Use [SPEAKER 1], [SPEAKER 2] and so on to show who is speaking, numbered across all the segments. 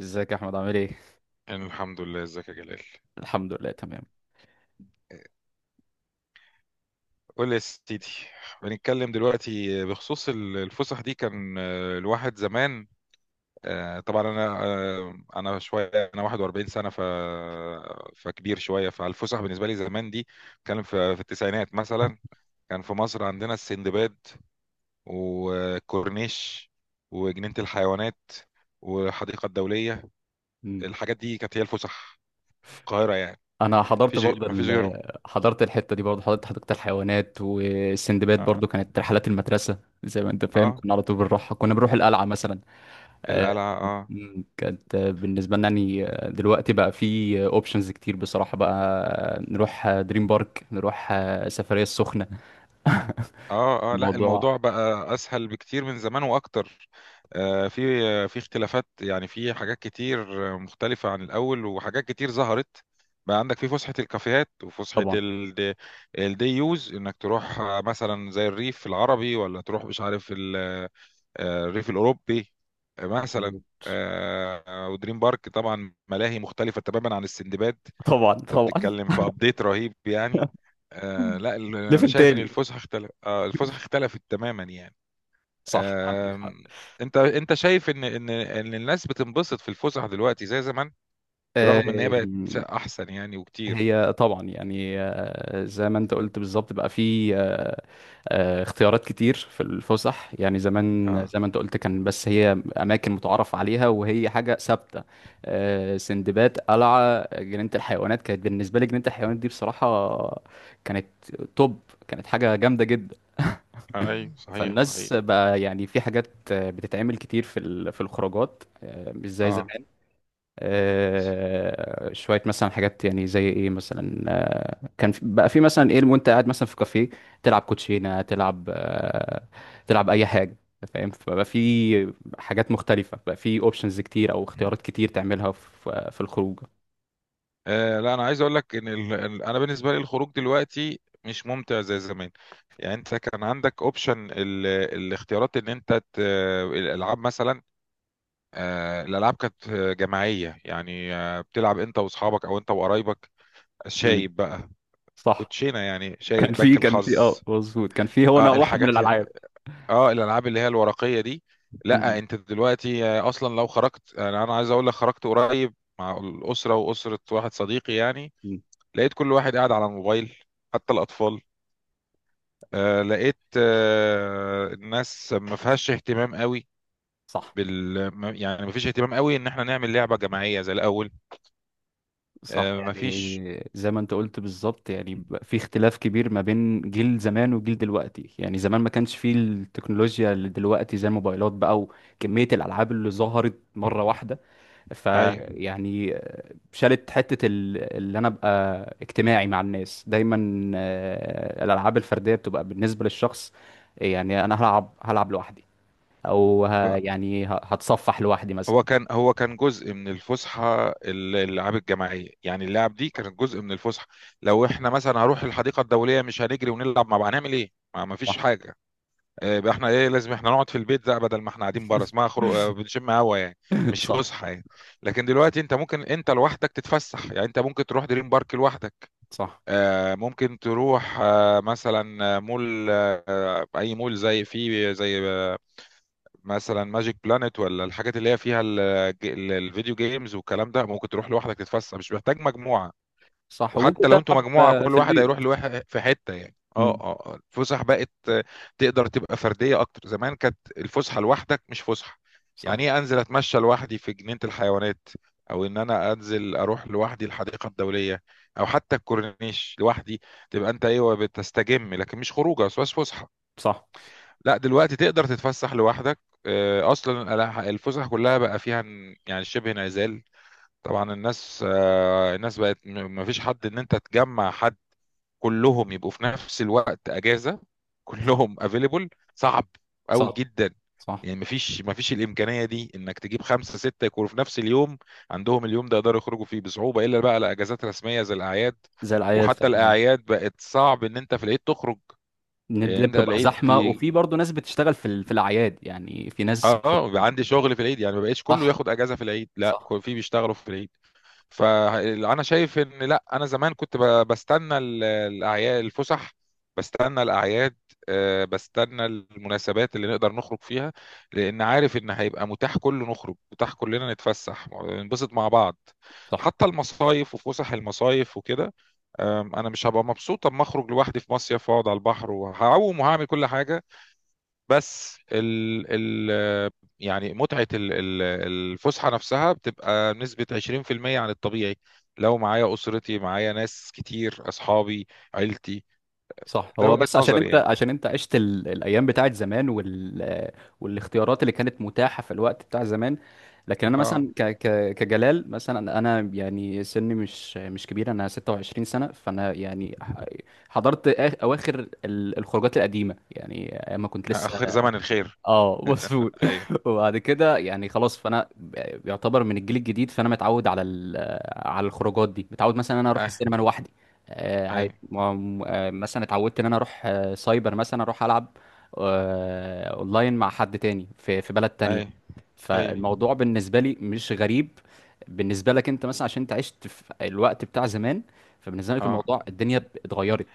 [SPEAKER 1] ازيك يا احمد عامل ايه؟
[SPEAKER 2] أنا الحمد لله. ازيك يا جلال؟
[SPEAKER 1] الحمد لله تمام.
[SPEAKER 2] قول لي يا سيدي. بنتكلم دلوقتي بخصوص الفسح دي. كان الواحد زمان طبعا انا شويه. انا 41 سنه. فكبير شويه فالفسح بالنسبه لي زمان دي. كان في التسعينات مثلا، كان في مصر عندنا السندباد وكورنيش وجنينه الحيوانات والحديقه الدوليه.
[SPEAKER 1] مم.
[SPEAKER 2] الحاجات دي كانت هي الفسح في القاهره يعني.
[SPEAKER 1] انا حضرت
[SPEAKER 2] مفيش
[SPEAKER 1] برضه
[SPEAKER 2] مفيش غيرهم.
[SPEAKER 1] حضرت الحته دي برضه، حضرت حديقه الحيوانات والسندباد،
[SPEAKER 2] اه.
[SPEAKER 1] برضه كانت رحلات المدرسه. زي ما انت فاهم
[SPEAKER 2] آه،
[SPEAKER 1] كنا على طول بنروحها، كنا بنروح القلعه مثلا. آه،
[SPEAKER 2] القلعه، اه.
[SPEAKER 1] مم. كانت بالنسبة لنا يعني. دلوقتي بقى في اوبشنز كتير بصراحة بقى، نروح دريم بارك، نروح سفرية السخنة.
[SPEAKER 2] اه لا،
[SPEAKER 1] الموضوع
[SPEAKER 2] الموضوع بقى اسهل بكتير من زمان واكتر. في اختلافات، يعني في حاجات كتير مختلفة عن الاول، وحاجات كتير ظهرت. بقى عندك في فسحة الكافيهات وفسحة
[SPEAKER 1] طبعا
[SPEAKER 2] الدي يوز، انك تروح مثلا زي الريف العربي، ولا تروح مش عارف الريف الاوروبي آه، مثلا
[SPEAKER 1] مظبوط.
[SPEAKER 2] آه، آه، ودريم بارك، طبعا ملاهي مختلفة تماما عن السندباد.
[SPEAKER 1] طبعا
[SPEAKER 2] انت
[SPEAKER 1] طبعا.
[SPEAKER 2] بتتكلم في ابديت رهيب يعني. لا، انا
[SPEAKER 1] ليفل
[SPEAKER 2] شايف ان
[SPEAKER 1] تاني.
[SPEAKER 2] الفسحه اختلف آه الفسحه اختلفت تماما يعني.
[SPEAKER 1] صح
[SPEAKER 2] آه.
[SPEAKER 1] عندك حق.
[SPEAKER 2] انت شايف ان الناس بتنبسط في الفسح دلوقتي زي زمان؟ برغم ان هي بقت
[SPEAKER 1] آم،
[SPEAKER 2] احسن يعني وكتير.
[SPEAKER 1] هي طبعا يعني، زي ما انت قلت بالظبط، بقى في اختيارات كتير في الفسح. يعني زمان
[SPEAKER 2] اه
[SPEAKER 1] زي ما انت قلت كان بس هي اماكن متعارف عليها وهي حاجه ثابته. سندباد، قلعه، جنينه الحيوانات. كانت بالنسبه لي جنينه الحيوانات دي بصراحه كانت توب، كانت حاجه جامده جدا.
[SPEAKER 2] اي صحيح
[SPEAKER 1] فالناس
[SPEAKER 2] صحيح.
[SPEAKER 1] بقى يعني في حاجات بتتعمل كتير في في الخروجات، مش زي
[SPEAKER 2] اه
[SPEAKER 1] زمان. شويه مثلا حاجات يعني زي ايه مثلا. كان في بقى في مثلا ايه وانت قاعد مثلا في كافيه، تلعب كوتشينه، تلعب تلعب اي حاجه. فاهم؟ فبقى في حاجات مختلفه، بقى في اوبشنز كتير او اختيارات كتير تعملها في في الخروج.
[SPEAKER 2] لا، انا عايز اقول لك ان انا بالنسبه لي الخروج دلوقتي مش ممتع زي زمان. يعني انت كان عندك اوبشن الاختيارات، ان انت الالعاب مثلا. الالعاب كانت جماعيه يعني، بتلعب انت واصحابك او انت وقرايبك،
[SPEAKER 1] مم.
[SPEAKER 2] شايب بقى،
[SPEAKER 1] صح.
[SPEAKER 2] كوتشينه يعني،
[SPEAKER 1] كان
[SPEAKER 2] شايب،
[SPEAKER 1] في
[SPEAKER 2] بنك
[SPEAKER 1] كان في
[SPEAKER 2] الحظ.
[SPEAKER 1] اه مظبوط، كان في هو
[SPEAKER 2] اه
[SPEAKER 1] انا واحد من
[SPEAKER 2] الحاجات،
[SPEAKER 1] الالعاب.
[SPEAKER 2] اه الالعاب اللي هي الورقيه دي. لا
[SPEAKER 1] مم.
[SPEAKER 2] انت دلوقتي، اصلا لو خرجت، انا عايز اقول لك خرجت قريب مع الاسره واسره واحد صديقي يعني.
[SPEAKER 1] مم.
[SPEAKER 2] لقيت كل واحد قاعد على الموبايل، حتى الاطفال. لقيت الناس ما فيهاش اهتمام قوي
[SPEAKER 1] صح.
[SPEAKER 2] بال ما- يعني ما فيش اهتمام قوي ان احنا نعمل لعبه جماعيه زي الاول.
[SPEAKER 1] صح،
[SPEAKER 2] مفيش.
[SPEAKER 1] يعني زي ما انت قلت بالظبط، يعني بقى في اختلاف كبير ما بين جيل زمان وجيل دلوقتي. يعني زمان ما كانش فيه التكنولوجيا اللي دلوقتي، زي الموبايلات بقى وكمية الألعاب اللي ظهرت مرة واحدة.
[SPEAKER 2] ايوه
[SPEAKER 1] فيعني شالت حتة اللي أنا أبقى اجتماعي مع الناس دايما. الألعاب الفردية بتبقى بالنسبة للشخص، يعني أنا هلعب، هلعب لوحدي، أو
[SPEAKER 2] بقى.
[SPEAKER 1] هتصفح لوحدي مثلا.
[SPEAKER 2] هو كان جزء من الفسحه، الالعاب الجماعيه يعني، اللعب دي كانت جزء من الفسحه. لو احنا مثلا هروح الحديقه الدوليه مش هنجري ونلعب مع بعض، هنعمل ايه؟ ما
[SPEAKER 1] صح.
[SPEAKER 2] فيش حاجه. يبقى احنا ايه، لازم احنا نقعد في البيت، ده بدل ما احنا قاعدين بره، اسمها خروج، بنشم هوا يعني، مش
[SPEAKER 1] صح.
[SPEAKER 2] فسحه يعني. لكن دلوقتي انت ممكن لوحدك تتفسح، يعني انت ممكن تروح دريم بارك لوحدك،
[SPEAKER 1] صح.
[SPEAKER 2] ممكن تروح آه، مثلا آه، مول، اي مول، زي فيه زي مثلا ماجيك بلانت، ولا الحاجات اللي هي فيها الفيديو جيمز والكلام ده، ممكن تروح لوحدك تتفسح، مش محتاج مجموعة.
[SPEAKER 1] صح وممكن
[SPEAKER 2] وحتى لو انتوا
[SPEAKER 1] تلعب
[SPEAKER 2] مجموعة، كل
[SPEAKER 1] في
[SPEAKER 2] واحد هيروح
[SPEAKER 1] البيت.
[SPEAKER 2] لواحد في حتة يعني.
[SPEAKER 1] مم.
[SPEAKER 2] الفسح بقت تقدر تبقى فردية اكتر. زمان كانت الفسحة لوحدك مش فسحة. يعني
[SPEAKER 1] صح.
[SPEAKER 2] ايه، انزل اتمشى لوحدي في جنينة الحيوانات، او انا انزل اروح لوحدي الحديقة الدولية، او حتى الكورنيش لوحدي، تبقى انت ايوه بتستجم، لكن مش خروجه، بس فسحة
[SPEAKER 1] صح.
[SPEAKER 2] لا. دلوقتي تقدر تتفسح لوحدك. اصلا الفسح كلها بقى فيها يعني شبه انعزال. طبعا الناس، الناس بقت مفيش حد، ان انت تجمع حد كلهم يبقوا في نفس الوقت اجازه،
[SPEAKER 1] صح.
[SPEAKER 2] كلهم افيلبل، صعب قوي
[SPEAKER 1] صح.
[SPEAKER 2] جدا.
[SPEAKER 1] صح،
[SPEAKER 2] يعني مفيش الامكانيه دي، انك تجيب خمسه سته يكونوا في نفس اليوم عندهم اليوم ده يقدروا يخرجوا فيه، بصعوبه الا بقى لاجازات رسميه زي الاعياد.
[SPEAKER 1] زي الأعياد،
[SPEAKER 2] وحتى
[SPEAKER 1] صح، أيوة.
[SPEAKER 2] الاعياد بقت صعب ان انت في العيد تخرج.
[SPEAKER 1] النت
[SPEAKER 2] يعني
[SPEAKER 1] دي
[SPEAKER 2] انت
[SPEAKER 1] بتبقى
[SPEAKER 2] العيد،
[SPEAKER 1] زحمة، وفي برضه ناس بتشتغل في في الأعياد، يعني في ناس
[SPEAKER 2] اه بيبقى
[SPEAKER 1] بتبقى.
[SPEAKER 2] عندي شغل في العيد، يعني ما بقتش كله
[SPEAKER 1] صح.
[SPEAKER 2] ياخد اجازه في العيد، لا
[SPEAKER 1] صح.
[SPEAKER 2] في بيشتغلوا في العيد. فانا شايف ان لا، انا زمان كنت بستنى الاعياد، الفسح، بستنى الاعياد، بستنى المناسبات اللي نقدر نخرج فيها، لان عارف ان هيبقى متاح كله نخرج، متاح كلنا نتفسح ننبسط مع بعض.
[SPEAKER 1] صح.
[SPEAKER 2] حتى المصايف وفسح المصايف وكده، انا مش هبقى مبسوط اما اخرج لوحدي في مصيف واقعد على البحر وهعوم وهعمل كل حاجه، بس ال ال يعني متعة الفسحة نفسها بتبقى نسبة 20% عن الطبيعي لو معايا أسرتي، معايا ناس كتير، أصحابي، عيلتي.
[SPEAKER 1] صح،
[SPEAKER 2] ده
[SPEAKER 1] هو
[SPEAKER 2] وجهة
[SPEAKER 1] بس عشان
[SPEAKER 2] نظري
[SPEAKER 1] انت،
[SPEAKER 2] يعني.
[SPEAKER 1] عشان انت عشت الايام بتاعت زمان، والاختيارات اللي كانت متاحه في الوقت بتاع زمان. لكن انا
[SPEAKER 2] اه،
[SPEAKER 1] مثلا كجلال مثلا، انا يعني سني مش كبير، انا 26 سنه، فانا يعني حضرت اواخر الخروجات القديمه يعني، ايام ما كنت لسه.
[SPEAKER 2] آخر زمن الخير.
[SPEAKER 1] اه مظبوط.
[SPEAKER 2] أيوه.
[SPEAKER 1] وبعد كده يعني خلاص، فانا يعتبر من الجيل الجديد، فانا متعود على على الخروجات دي، متعود مثلا انا اروح
[SPEAKER 2] أيوه.
[SPEAKER 1] السينما لوحدي.
[SPEAKER 2] أيوه.
[SPEAKER 1] عادي، مثلا اتعودت ان انا اروح سايبر مثلا اروح العب اونلاين مع حد تاني في في بلد تانية.
[SPEAKER 2] أيوه. أيوه.
[SPEAKER 1] فالموضوع بالنسبه لي مش غريب. بالنسبه لك انت مثلا عشان انت عشت في الوقت بتاع زمان، فبالنسبه لك
[SPEAKER 2] اه،
[SPEAKER 1] الموضوع الدنيا اتغيرت.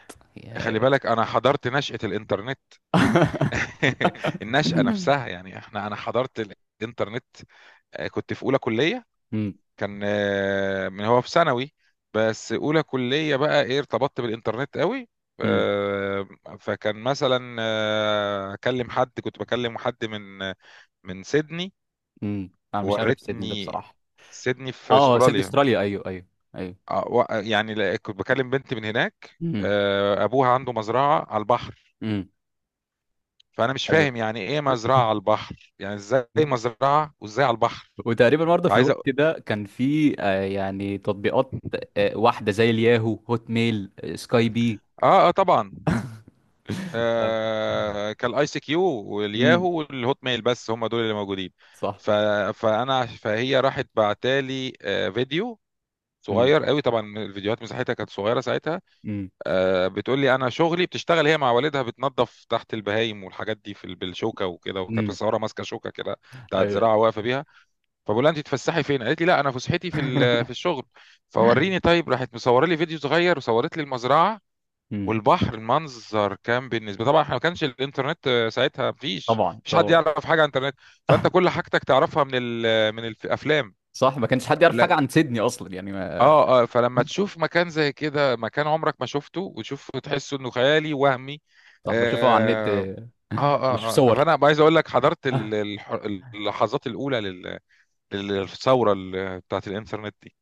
[SPEAKER 2] خلي بالك أنا حضرت نشأة الإنترنت. النشأة نفسها يعني، أنا حضرت الإنترنت. كنت في أولى كلية، كان من هو في ثانوي، بس اولى كليه بقى ايه ارتبطت بالانترنت قوي.
[SPEAKER 1] مم.
[SPEAKER 2] آه، فكان مثلا اكلم حد، كنت بكلم حد من سيدني.
[SPEAKER 1] امم، انا مش عارف سيدني ده
[SPEAKER 2] ورتني،
[SPEAKER 1] بصراحه.
[SPEAKER 2] سيدني في
[SPEAKER 1] اه، سيدني
[SPEAKER 2] استراليا.
[SPEAKER 1] استراليا، ايوه ايوه. ايوه.
[SPEAKER 2] يعني كنت بكلم بنت من هناك،
[SPEAKER 1] امم.
[SPEAKER 2] ابوها عنده مزرعه على البحر.
[SPEAKER 1] امم.
[SPEAKER 2] فانا مش
[SPEAKER 1] حلو.
[SPEAKER 2] فاهم يعني ايه مزرعه على البحر، يعني ازاي مزرعه وازاي على البحر؟
[SPEAKER 1] وتقريبا برضه في
[SPEAKER 2] فعايز أ-
[SPEAKER 1] الوقت ده كان في يعني تطبيقات، واحده زي الياهو، هوت ميل، سكاي بي.
[SPEAKER 2] اه اه طبعا. كالاي سي كيو
[SPEAKER 1] امم.
[SPEAKER 2] والياهو والهوت ميل، بس هم دول اللي موجودين.
[SPEAKER 1] صح.
[SPEAKER 2] ف... فانا، فهي راحت بعتالي فيديو
[SPEAKER 1] امم.
[SPEAKER 2] صغير قوي، طبعا الفيديوهات مساحتها كانت صغيره ساعتها.
[SPEAKER 1] امم.
[SPEAKER 2] بتقول لي انا شغلي بتشتغل هي مع والدها بتنظف تحت البهايم والحاجات دي في بالشوكه وكده، وكانت
[SPEAKER 1] امم.
[SPEAKER 2] متصوره ماسكه شوكه كده بتاعت
[SPEAKER 1] ايوه.
[SPEAKER 2] زراعه واقفه بيها. فبقول لها انت تفسحي فين، قالت لي لا، انا فسحتي في في الشغل. فوريني. طيب راحت مصوره لي فيديو صغير، وصورت لي المزرعه
[SPEAKER 1] امم.
[SPEAKER 2] والبحر. المنظر كان بالنسبه، طبعا احنا ما كانش الانترنت ساعتها، مفيش
[SPEAKER 1] طبعا
[SPEAKER 2] مفيش حد
[SPEAKER 1] طبعا.
[SPEAKER 2] يعرف حاجه عن الانترنت. فانت كل حاجتك تعرفها من من الافلام.
[SPEAKER 1] صح، ما كانش حد يعرف
[SPEAKER 2] لا.
[SPEAKER 1] حاجه عن سيدني اصلا يعني، ما...
[SPEAKER 2] اه اه، فلما تشوف مكان زي كده، مكان عمرك ما شفته، وتشوف، تحس انه خيالي وهمي.
[SPEAKER 1] صح، بشوفها على النت
[SPEAKER 2] اه
[SPEAKER 1] بشوف
[SPEAKER 2] اه اه،
[SPEAKER 1] صور.
[SPEAKER 2] فانا عايز اقول لك حضرت اللحظات الاولى للثوره بتاعت الانترنت دي.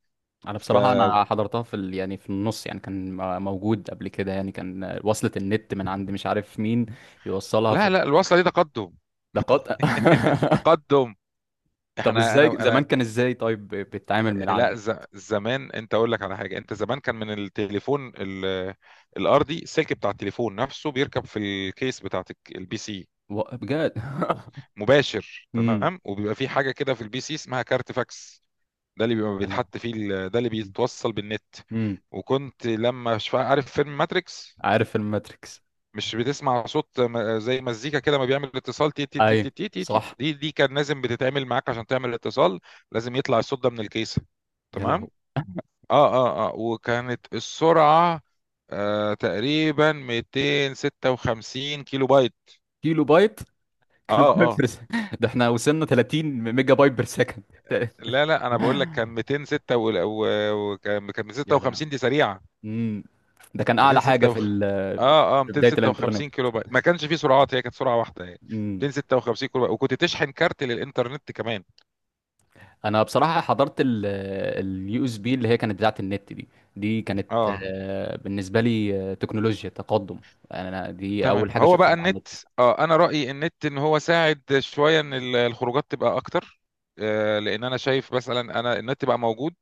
[SPEAKER 1] انا
[SPEAKER 2] ف
[SPEAKER 1] بصراحه انا حضرتها في يعني في النص، يعني كان موجود قبل كده، يعني كان وصلت النت من عند مش عارف مين يوصلها في
[SPEAKER 2] لا لا، الوصله دي تقدم،
[SPEAKER 1] الدقات.
[SPEAKER 2] تقدم.
[SPEAKER 1] طب
[SPEAKER 2] احنا
[SPEAKER 1] ازاي
[SPEAKER 2] انا انا
[SPEAKER 1] زمان كان ازاي طيب بتتعامل من العالم؟
[SPEAKER 2] لا زمان، انت اقول لك على حاجه. انت زمان كان من التليفون الارضي، السلك بتاع التليفون نفسه بيركب في الكيس بتاعت البي سي،
[SPEAKER 1] و- بجد؟
[SPEAKER 2] مباشر
[SPEAKER 1] امم.
[SPEAKER 2] تمام. وبيبقى في حاجه كده في البي سي اسمها كارت فاكس، ده اللي بيبقى
[SPEAKER 1] يلا.
[SPEAKER 2] بيتحط فيه ده اللي بيتوصل بالنت.
[SPEAKER 1] امم.
[SPEAKER 2] وكنت لما عارف فيلم ماتريكس؟
[SPEAKER 1] عارف الماتريكس.
[SPEAKER 2] مش بتسمع صوت زي مزيكا كده، ما بيعمل اتصال، تي تي تي تي
[SPEAKER 1] اي.
[SPEAKER 2] تي تي تي تي-
[SPEAKER 1] صح.
[SPEAKER 2] دي دي كان لازم بتتعمل معاك عشان تعمل اتصال، لازم يطلع الصوت ده من الكيسه،
[SPEAKER 1] يا لهو.
[SPEAKER 2] تمام. اه اه اه، وكانت السرعة تقريبا 256 كيلو بايت.
[SPEAKER 1] كيلو بايت. كيلو
[SPEAKER 2] اه
[SPEAKER 1] بايت
[SPEAKER 2] اه،
[SPEAKER 1] بر سكند. ده احنا وصلنا 30 ميجا بايت بير سكند.
[SPEAKER 2] لا لا انا بقول لك كان 206 وكان
[SPEAKER 1] يا لهو.
[SPEAKER 2] 256 دي سريعة.
[SPEAKER 1] امم. ده كان اعلى حاجه في
[SPEAKER 2] 256. اه اه،
[SPEAKER 1] في بدايه الانترنت.
[SPEAKER 2] 256 كيلو بايت، ما كانش فيه سرعات، هي كانت سرعة واحدة يعني، 256 كيلو بايت، وكنت تشحن كارت للإنترنت كمان.
[SPEAKER 1] انا بصراحه حضرت اليو اس بي اللي هي كانت بتاعه النت دي، دي كانت
[SPEAKER 2] اه
[SPEAKER 1] بالنسبه لي تكنولوجيا تقدم، يعني انا دي اول
[SPEAKER 2] تمام.
[SPEAKER 1] حاجه
[SPEAKER 2] هو بقى
[SPEAKER 1] اشوفها على النت.
[SPEAKER 2] النت، اه انا رايي النت ان هو ساعد شويه ان الخروجات تبقى اكتر. لان انا شايف مثلا، انا النت بقى موجود،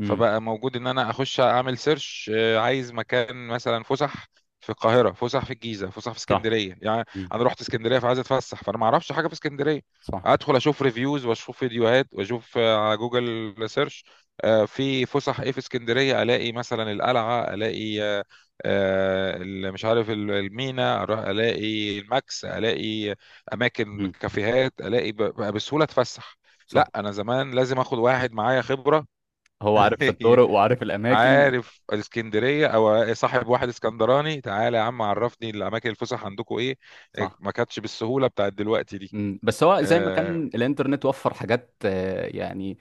[SPEAKER 1] امم.
[SPEAKER 2] فبقى موجود ان انا اخش اعمل سيرش. آه عايز مكان مثلا، فسح في القاهره، فسح في الجيزه، فسح في
[SPEAKER 1] صح.
[SPEAKER 2] اسكندريه يعني.
[SPEAKER 1] امم.
[SPEAKER 2] انا رحت اسكندريه فعايز اتفسح، فانا ما اعرفش حاجه في اسكندريه،
[SPEAKER 1] صح.
[SPEAKER 2] ادخل اشوف ريفيوز واشوف فيديوهات واشوف على جوجل سيرش في فسح ايه في اسكندريه، الاقي مثلا القلعه، الاقي مش عارف المينا، اروح الاقي الماكس، الاقي اماكن
[SPEAKER 1] امم.
[SPEAKER 2] كافيهات، الاقي بقى بسهوله اتفسح.
[SPEAKER 1] صح،
[SPEAKER 2] لا انا زمان لازم اخد واحد معايا خبره،
[SPEAKER 1] هو عارف الطرق وعارف الاماكن.
[SPEAKER 2] عارف الاسكندريه، او صاحب واحد اسكندراني، تعالى يا عم عرفني الاماكن، الفسح عندكم ايه. إيه،
[SPEAKER 1] صح.
[SPEAKER 2] ما كانتش بالسهوله بتاعت دلوقتي دي.
[SPEAKER 1] امم، بس هو زي ما
[SPEAKER 2] اه.
[SPEAKER 1] كان الانترنت وفر حاجات يعني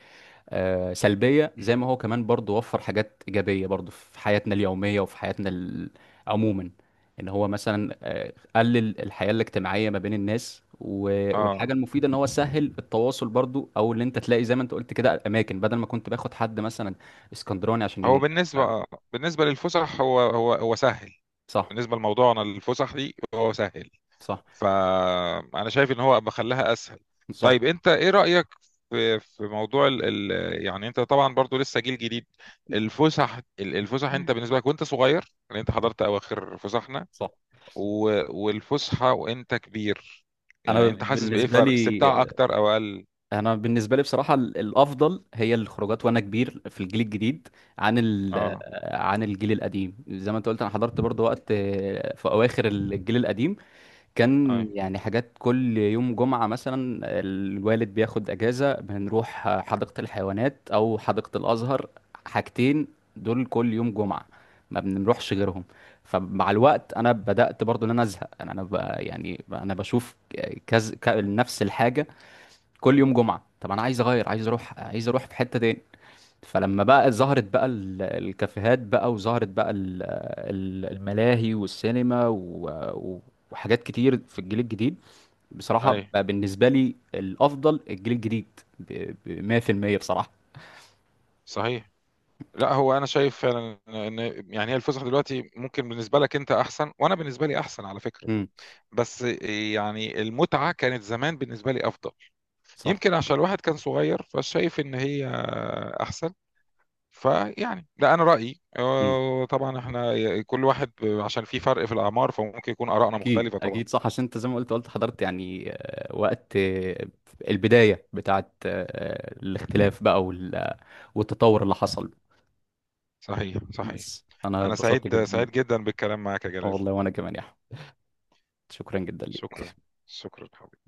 [SPEAKER 1] سلبية، زي ما هو كمان برضو وفر حاجات إيجابية برضو في حياتنا اليومية وفي حياتنا عموما. إن هو مثلا قلل الحياة الاجتماعية ما بين الناس، و- والحاجة
[SPEAKER 2] آه.
[SPEAKER 1] المفيدة إن هو سهل التواصل برضو، أو اللي أنت تلاقي زي ما أنت قلت كده أماكن بدل ما كنت باخد حد مثلا اسكندراني عشان
[SPEAKER 2] هو
[SPEAKER 1] ي...
[SPEAKER 2] بالنسبه، آه. بالنسبه للفسح، هو سهل،
[SPEAKER 1] صح.
[SPEAKER 2] بالنسبه لموضوعنا الفسح دي، هو سهل،
[SPEAKER 1] صح.
[SPEAKER 2] فانا شايف ان هو بخليها اسهل.
[SPEAKER 1] صح.
[SPEAKER 2] طيب انت ايه رايك في موضوع ال ال يعني انت طبعا برضو لسه جيل جديد، الفسح الفسح، انت بالنسبه لك وانت صغير، يعني انت حضرت اواخر فسحنا،
[SPEAKER 1] صح،
[SPEAKER 2] والفسحه وانت كبير،
[SPEAKER 1] أنا
[SPEAKER 2] يعني انت حاسس بايه؟
[SPEAKER 1] بالنسبة
[SPEAKER 2] فرق
[SPEAKER 1] لي،
[SPEAKER 2] استمتاع اكتر او اقل؟
[SPEAKER 1] انا بالنسبه لي بصراحه الافضل هي الخروجات وانا كبير في الجيل الجديد عن ال
[SPEAKER 2] اه
[SPEAKER 1] عن الجيل القديم. زي ما انت قلت انا حضرت برضو وقت في اواخر الجيل القديم،
[SPEAKER 2] اي
[SPEAKER 1] كان يعني حاجات كل يوم جمعه مثلا الوالد بياخد اجازه بنروح حديقه الحيوانات او حديقه الازهر. حاجتين دول كل يوم جمعه، ما بنروحش غيرهم. فمع الوقت انا بدات برضو ان انا ازهق، يعني انا بشوف كذا نفس الحاجه، كل يوم جمعة. طب انا عايز اغير، عايز اروح، عايز اروح في حتة تاني. فلما بقى ظهرت بقى الكافيهات بقى، وظهرت بقى الملاهي والسينما و- وحاجات كتير في الجيل الجديد، بصراحة
[SPEAKER 2] اي
[SPEAKER 1] بقى بالنسبة لي الافضل الجيل الجديد ب 100% بصراحة.
[SPEAKER 2] صحيح. لا هو، انا شايف فعلا ان، يعني هي الفسحه دلوقتي ممكن بالنسبه لك انت احسن، وانا بالنسبه لي احسن على فكره.
[SPEAKER 1] امم.
[SPEAKER 2] بس يعني المتعة كانت زمان بالنسبة لي أفضل،
[SPEAKER 1] صح.
[SPEAKER 2] يمكن عشان الواحد كان صغير فشايف إن هي أحسن. فيعني ده أنا رأيي،
[SPEAKER 1] امم.
[SPEAKER 2] طبعا إحنا كل واحد، عشان في فرق في الأعمار، فممكن يكون آرائنا
[SPEAKER 1] اكيد
[SPEAKER 2] مختلفة طبعا.
[SPEAKER 1] اكيد، صح، عشان انت زي ما قلت، قلت حضرت يعني وقت البداية بتاعت الاختلاف بقى والتطور اللي حصل.
[SPEAKER 2] صحيح صحيح.
[SPEAKER 1] بس انا
[SPEAKER 2] أنا
[SPEAKER 1] اتبسطت
[SPEAKER 2] سعيد،
[SPEAKER 1] جدا.
[SPEAKER 2] سعيد جدا بالكلام معك يا جلال.
[SPEAKER 1] والله، وانا كمان يا احمد، شكرا جدا
[SPEAKER 2] شكرا.
[SPEAKER 1] ليك.
[SPEAKER 2] شكرا حبيبي.